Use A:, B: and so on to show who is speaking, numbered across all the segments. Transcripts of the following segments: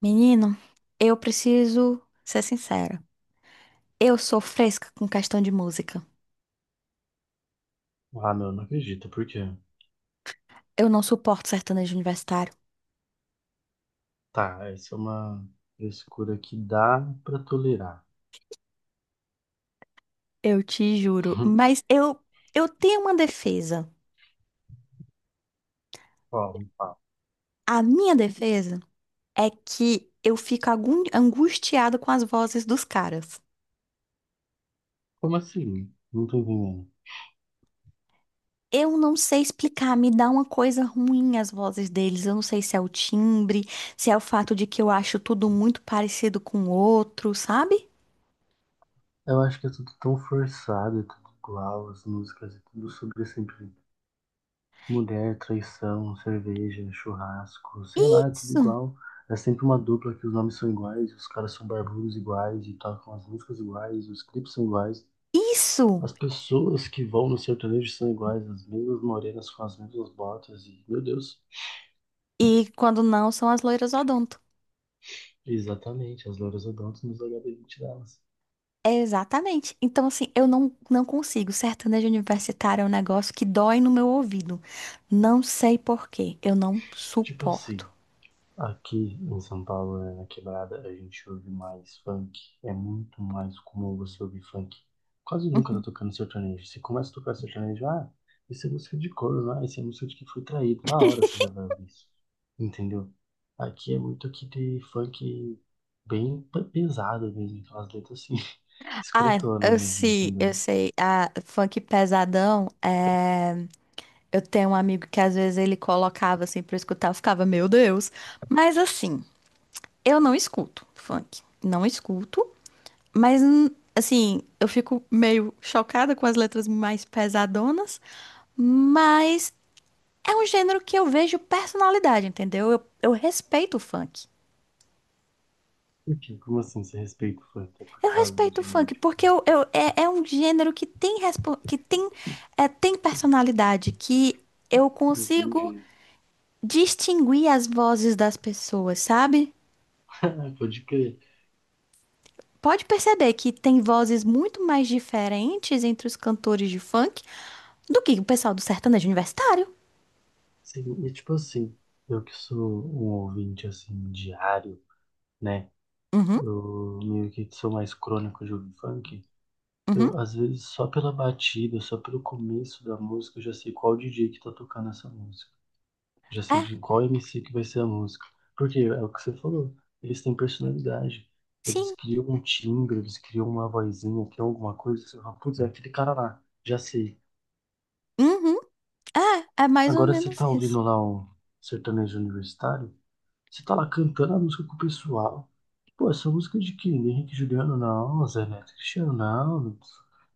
A: Menino, eu preciso ser sincera. Eu sou fresca com questão de música.
B: Ah, meu, não acredito. Por quê?
A: Eu não suporto sertanejo universitário.
B: Tá, essa é uma frescura que dá pra tolerar.
A: Eu te juro. Mas eu tenho uma defesa.
B: Ó, me fala.
A: A minha defesa é que eu fico angustiada com as vozes dos caras.
B: Como assim? Não tô entendendo.
A: Eu não sei explicar, me dá uma coisa ruim as vozes deles. Eu não sei se é o timbre, se é o fato de que eu acho tudo muito parecido com o outro, sabe?
B: Eu acho que é tudo tão forçado, é tudo igual, as músicas, é tudo sobre sempre mulher, traição, cerveja, churrasco, sei lá, é tudo
A: Isso,
B: igual. É sempre uma dupla que os nomes são iguais, os caras são barbudos iguais e tocam as músicas iguais, os clipes são iguais.
A: isso.
B: As pessoas que vão no sertanejo são iguais, as mesmas morenas com as mesmas botas e, meu Deus.
A: E quando não, são as loiras odonto.
B: Exatamente, as louras odontos nos hb gente delas.
A: É, exatamente. Então, assim, eu não consigo. Sertanejo universitário é um negócio que dói no meu ouvido. Não sei por quê. Eu não
B: Tipo assim,
A: suporto.
B: aqui em São Paulo, né, na quebrada, a gente ouve mais funk. É muito mais comum você ouvir funk. Quase nunca tá
A: Uhum.
B: tocando sertanejo. Você começa a tocar sertanejo, ah, isso é música de corno, ah, isso é música de que foi traído. Na hora você já vai ouvir isso. Entendeu? Aqui é muito aqui de funk bem pesado mesmo, aquelas letras assim,
A: Ah,
B: escrotona
A: eu
B: mesmo,
A: sei, eu
B: entendeu?
A: sei. Ah, funk pesadão, eu tenho um amigo que às vezes ele colocava assim pra eu escutar, eu ficava, meu Deus. Mas assim, eu não escuto funk. Não escuto. Mas, assim, eu fico meio chocada com as letras mais pesadonas, mas é um gênero que eu vejo personalidade, entendeu? Eu respeito o funk.
B: Porque, como assim, você respeita o funk? É por
A: Eu
B: causa
A: respeito o
B: de,
A: funk porque
B: tipo,
A: é um gênero que tem, que tem, tem personalidade, que eu consigo
B: entendi.
A: distinguir as vozes das pessoas, sabe?
B: Pode crer.
A: Pode perceber que tem vozes muito mais diferentes entre os cantores de funk do que o pessoal do sertanejo universitário.
B: Sim, e tipo assim, eu que sou um ouvinte assim diário, né?
A: Uhum.
B: Eu meio que sou mais crônico de ouvir funk.
A: Uhum.
B: Eu, às vezes, só pela batida, só pelo começo da música, eu já sei qual DJ que tá tocando essa música. Já
A: É,
B: sei de qual MC que vai ser a música. Porque é o que você falou, eles têm personalidade. Eles
A: sim.
B: criam um timbre, eles criam uma vozinha, criam alguma coisa. Você fala, putz, é aquele cara lá. Já sei,
A: Uhum. É, mais ou
B: agora você
A: menos
B: tá
A: isso.
B: ouvindo lá o sertanejo universitário? Você tá lá cantando a música com o pessoal. Pô, essa música é de quem? De Henrique e Juliano? Não, Zé Neto e Cristiano? Não. Não.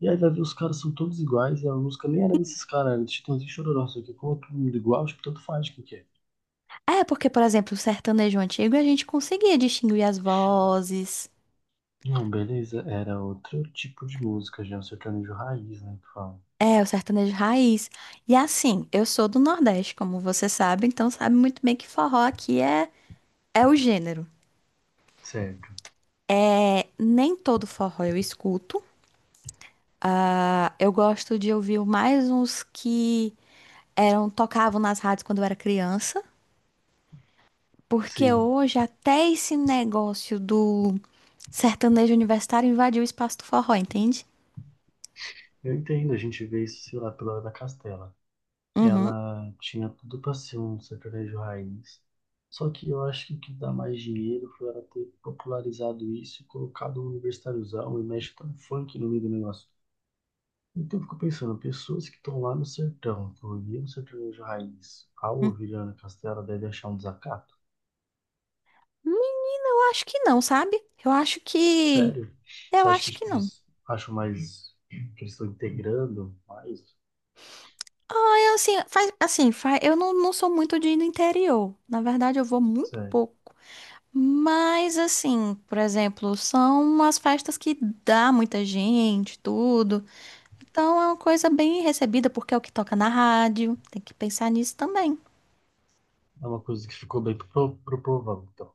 B: E aí vai ver os caras são todos iguais e a música nem era desses caras, era de Chitãozinho e Chororó, só que como é todo mundo é igual, tipo, tanto faz o que que é.
A: É, porque, por exemplo, o sertanejo antigo a gente conseguia distinguir as vozes.
B: Não, beleza, era outro tipo de música, já um sertanejo raiz, né, que fala.
A: É, o sertanejo raiz. E assim, eu sou do Nordeste, como você sabe, então sabe muito bem que forró aqui é o gênero.
B: Certo,
A: É, nem todo forró eu escuto, tá? Eu gosto de ouvir mais uns que eram tocavam nas rádios quando eu era criança. Porque
B: sim.
A: hoje até esse negócio do sertanejo universitário invadiu o espaço do forró, entende?
B: Eu entendo, a gente vê isso, sei lá, pela Ana Castela.
A: Uhum.
B: Ela tinha tudo para ser um sertanejo raiz. Só que eu acho que o que dá mais dinheiro foi ela ter popularizado isso e colocado um universitáriozão e mexido um funk no meio do negócio. Então eu fico pensando, pessoas que estão lá no sertão, que ouviram o sertanejo raiz, ao
A: Hum.
B: ouvir Ana Castela, devem achar um desacato.
A: Menina, eu acho que não, sabe? Eu acho que.
B: Sério? Você
A: Eu
B: acha que
A: acho que
B: tipo,
A: não.
B: eles acham mais que eles estão integrando mais?
A: Ah, eu assim, eu não sou muito de ir no interior. Na verdade, eu vou muito
B: Sério.
A: pouco. Mas, assim, por exemplo, são umas festas que dá muita gente, tudo. Então é uma coisa bem recebida, porque é o que toca na rádio. Tem que pensar nisso também.
B: É uma coisa que ficou bem pro povão, então.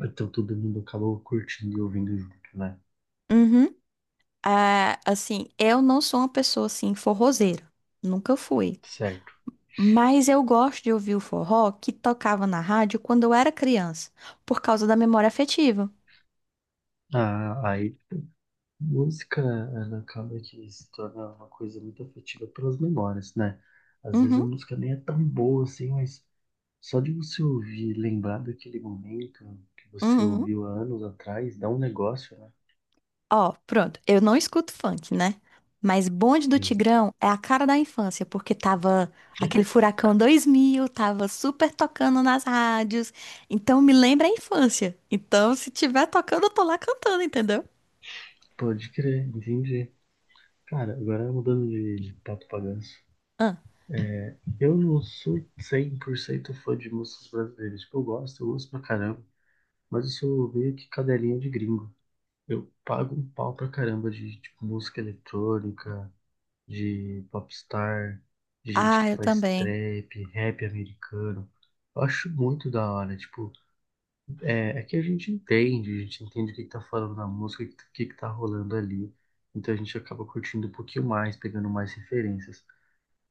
B: Então todo mundo acabou curtindo e ouvindo junto, né?
A: Uhum. Ah, assim, eu não sou uma pessoa assim forrozeira, nunca fui.
B: Certo.
A: Mas eu gosto de ouvir o forró que tocava na rádio quando eu era criança, por causa da memória afetiva.
B: Ah, aí, música, ela acaba de se tornar uma coisa muito afetiva pelas memórias, né? Às vezes a
A: Uhum,
B: música nem é tão boa assim, mas só de você ouvir, lembrar daquele momento que você
A: uhum.
B: ouviu há anos atrás, dá um negócio, né?
A: Ó, pronto, eu não escuto funk, né? Mas Bonde do
B: Sim.
A: Tigrão é a cara da infância, porque tava aquele Furacão 2000 tava super tocando nas rádios. Então me lembra a infância. Então se tiver tocando, eu tô lá cantando, entendeu?
B: Pode crer, entendi. Cara, agora mudando de pato pra ganso.
A: Ah,
B: Eu não sou 100% fã de músicas brasileiras. Tipo, eu gosto pra caramba, mas eu sou meio que cadelinha de gringo. Eu pago um pau pra caramba de tipo, música eletrônica, de popstar, de gente
A: ah,
B: que
A: eu
B: faz
A: também.
B: trap, rap americano. Eu acho muito da hora, tipo, é, é que a gente entende o que que tá falando na música, o que que tá rolando ali. Então a gente acaba curtindo um pouquinho mais, pegando mais referências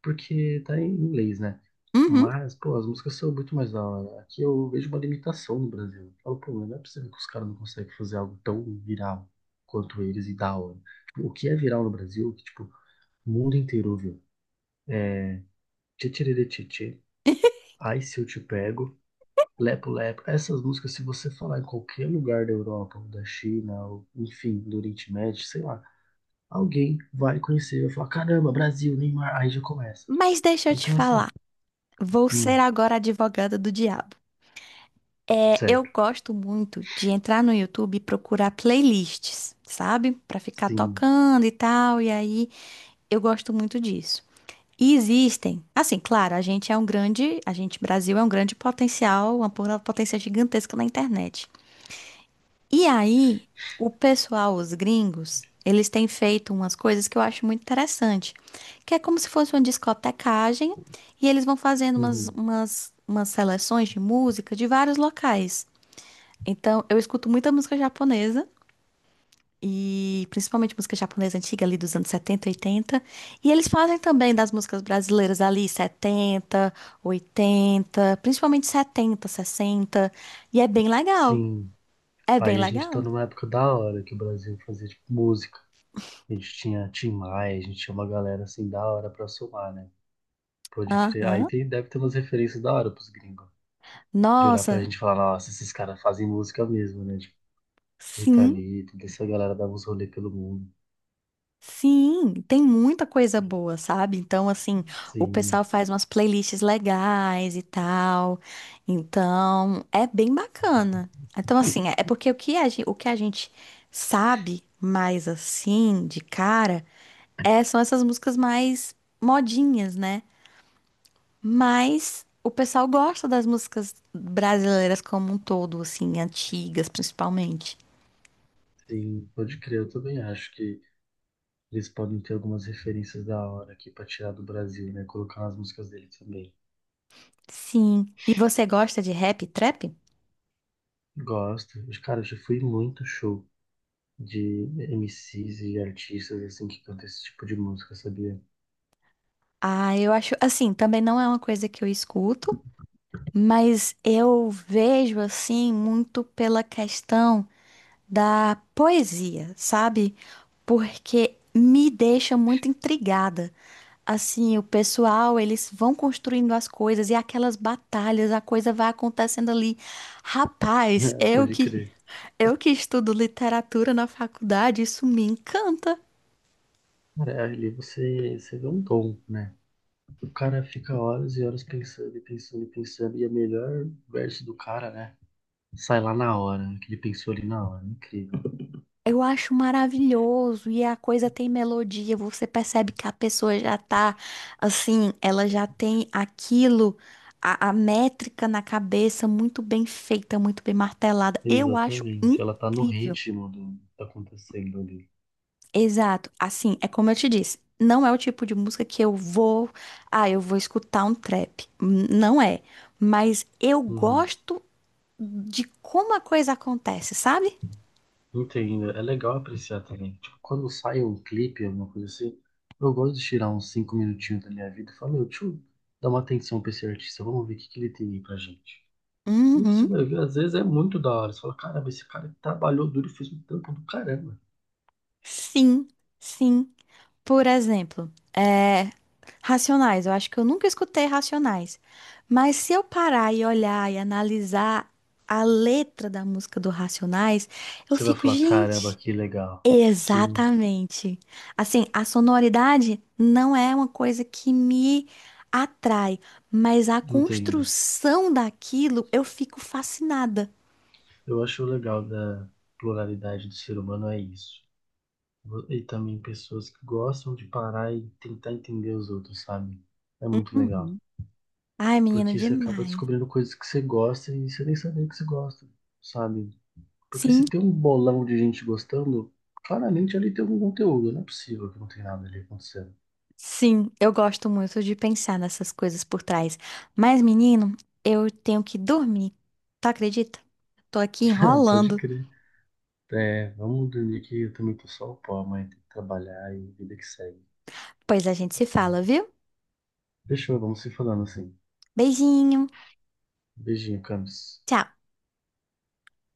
B: porque tá em inglês, né?
A: Uhum.
B: Mas, pô, as músicas são muito mais da hora. Aqui eu vejo uma limitação no Brasil. Eu falo, pô, mas não é possível que os caras não conseguem fazer algo tão viral quanto eles e da hora. O que é viral no Brasil, que, tipo, o mundo inteiro ouviu. É Tchê Tchê Ai Se Eu Te Pego, Lepo Lepo. Essas músicas, se você falar em qualquer lugar da Europa, ou da China, ou, enfim, do Oriente Médio, sei lá, alguém vai conhecer, vai falar, caramba, Brasil, Neymar, aí já começa.
A: Mas deixa eu te
B: Então,
A: falar,
B: assim,
A: vou ser
B: hum,
A: agora a advogada do diabo. É, eu
B: certo.
A: gosto muito de entrar no YouTube e procurar playlists, sabe? Pra ficar
B: Sim,
A: tocando e tal, e aí eu gosto muito disso. E existem, assim, claro, a gente Brasil é um grande potencial, uma potência gigantesca na internet. E aí, o pessoal, os gringos, eles têm feito umas coisas que eu acho muito interessante, que é como se fosse uma discotecagem e eles vão fazendo umas,
B: uhum.
A: umas, umas seleções de música de vários locais. Então, eu escuto muita música japonesa e principalmente música japonesa antiga ali dos anos 70 80 e eles fazem também das músicas brasileiras ali 70 80 principalmente 70 60 e é bem legal.
B: Sim.
A: É bem
B: Aí a gente tá
A: legal.
B: numa época da hora que o Brasil fazia tipo, música. A gente tinha Tim Maia, a gente tinha uma galera assim da hora pra somar, né? Pode crer. Aí
A: Aham.
B: tem, deve ter umas referências da hora pros gringos. De olhar pra
A: Nossa,
B: gente e falar, nossa, esses caras fazem música mesmo, né? Tipo, Rita
A: sim,
B: Lee, toda essa galera dava uns rolê pelo mundo.
A: sim, tem muita coisa boa, sabe? Então, assim, o pessoal
B: Sim,
A: faz umas playlists legais e tal. Então, é bem bacana. Então, assim, é porque o que a gente sabe mais assim, de cara, são essas músicas mais modinhas, né? Mas o pessoal gosta das músicas brasileiras como um todo, assim, antigas principalmente.
B: sim, pode crer. Eu também acho que eles podem ter algumas referências da hora aqui pra tirar do Brasil, né? Colocar nas músicas deles também.
A: Sim. E você gosta de rap e trap?
B: Gosto. Cara, eu já fui em muito show. De MCs e artistas assim que cantam esse tipo de música, sabia?
A: Ah, eu acho, assim, também não é uma coisa que eu escuto, mas eu vejo, assim, muito pela questão da poesia, sabe? Porque me deixa muito intrigada. Assim, o pessoal, eles vão construindo as coisas e aquelas batalhas, a coisa vai acontecendo ali. Rapaz, eu
B: Pode
A: que
B: crer.
A: eu que estudo literatura na faculdade, isso me encanta.
B: Cara, ali você, você vê um tom, né? O cara fica horas e horas pensando e pensando e pensando, e a melhor verso do cara, né? Sai lá na hora, que ele pensou ali na hora, é incrível.
A: Eu acho maravilhoso e a coisa tem melodia, você percebe que a pessoa já tá assim, ela já tem aquilo, a métrica na cabeça muito bem feita, muito bem martelada. Eu acho
B: Exatamente, ela tá no
A: incrível.
B: ritmo do que tá acontecendo ali.
A: Exato. Assim, é como eu te disse, não é o tipo de música que eu vou escutar um trap. Não é, mas eu
B: Uhum.
A: gosto de como a coisa acontece, sabe?
B: Entendo. É legal apreciar também. Tipo, quando sai um clipe, alguma coisa assim, eu gosto de tirar uns cinco minutinhos da minha vida e falar, meu, deixa eu dar uma atenção pra esse artista, vamos ver o que que ele tem aí pra gente. E você
A: Uhum.
B: vai ver, às vezes é muito da hora. Você fala, caramba, esse cara trabalhou duro e fez um trampo do caramba.
A: Sim, sim. Por exemplo, é, Racionais. Eu acho que eu nunca escutei Racionais. Mas se eu parar e olhar e analisar a letra da música do Racionais, eu
B: Você vai
A: fico,
B: falar, caramba,
A: gente,
B: que legal. Sim,
A: exatamente. Assim, a sonoridade não é uma coisa que me atrai, mas a
B: entendo.
A: construção daquilo eu fico fascinada.
B: Eu acho o legal da pluralidade do ser humano é isso. E também pessoas que gostam de parar e tentar entender os outros, sabe? É muito legal.
A: Uhum. Ai, menina,
B: Porque você acaba
A: demais.
B: descobrindo coisas que você gosta e você nem sabia que você gosta, sabe? Porque
A: Sim.
B: se tem um bolão de gente gostando, claramente ali tem algum conteúdo. Não é possível que não tem nada ali acontecendo.
A: Sim, eu gosto muito de pensar nessas coisas por trás. Mas, menino, eu tenho que dormir. Tu acredita? Tô aqui
B: Pode
A: enrolando.
B: crer. É, vamos dormir que eu também tô só o pó, mas tem que trabalhar e vida que segue.
A: Pois a gente se fala, viu?
B: Fechou, vamos se falando assim.
A: Beijinho.
B: Beijinho, Camis.
A: Tchau.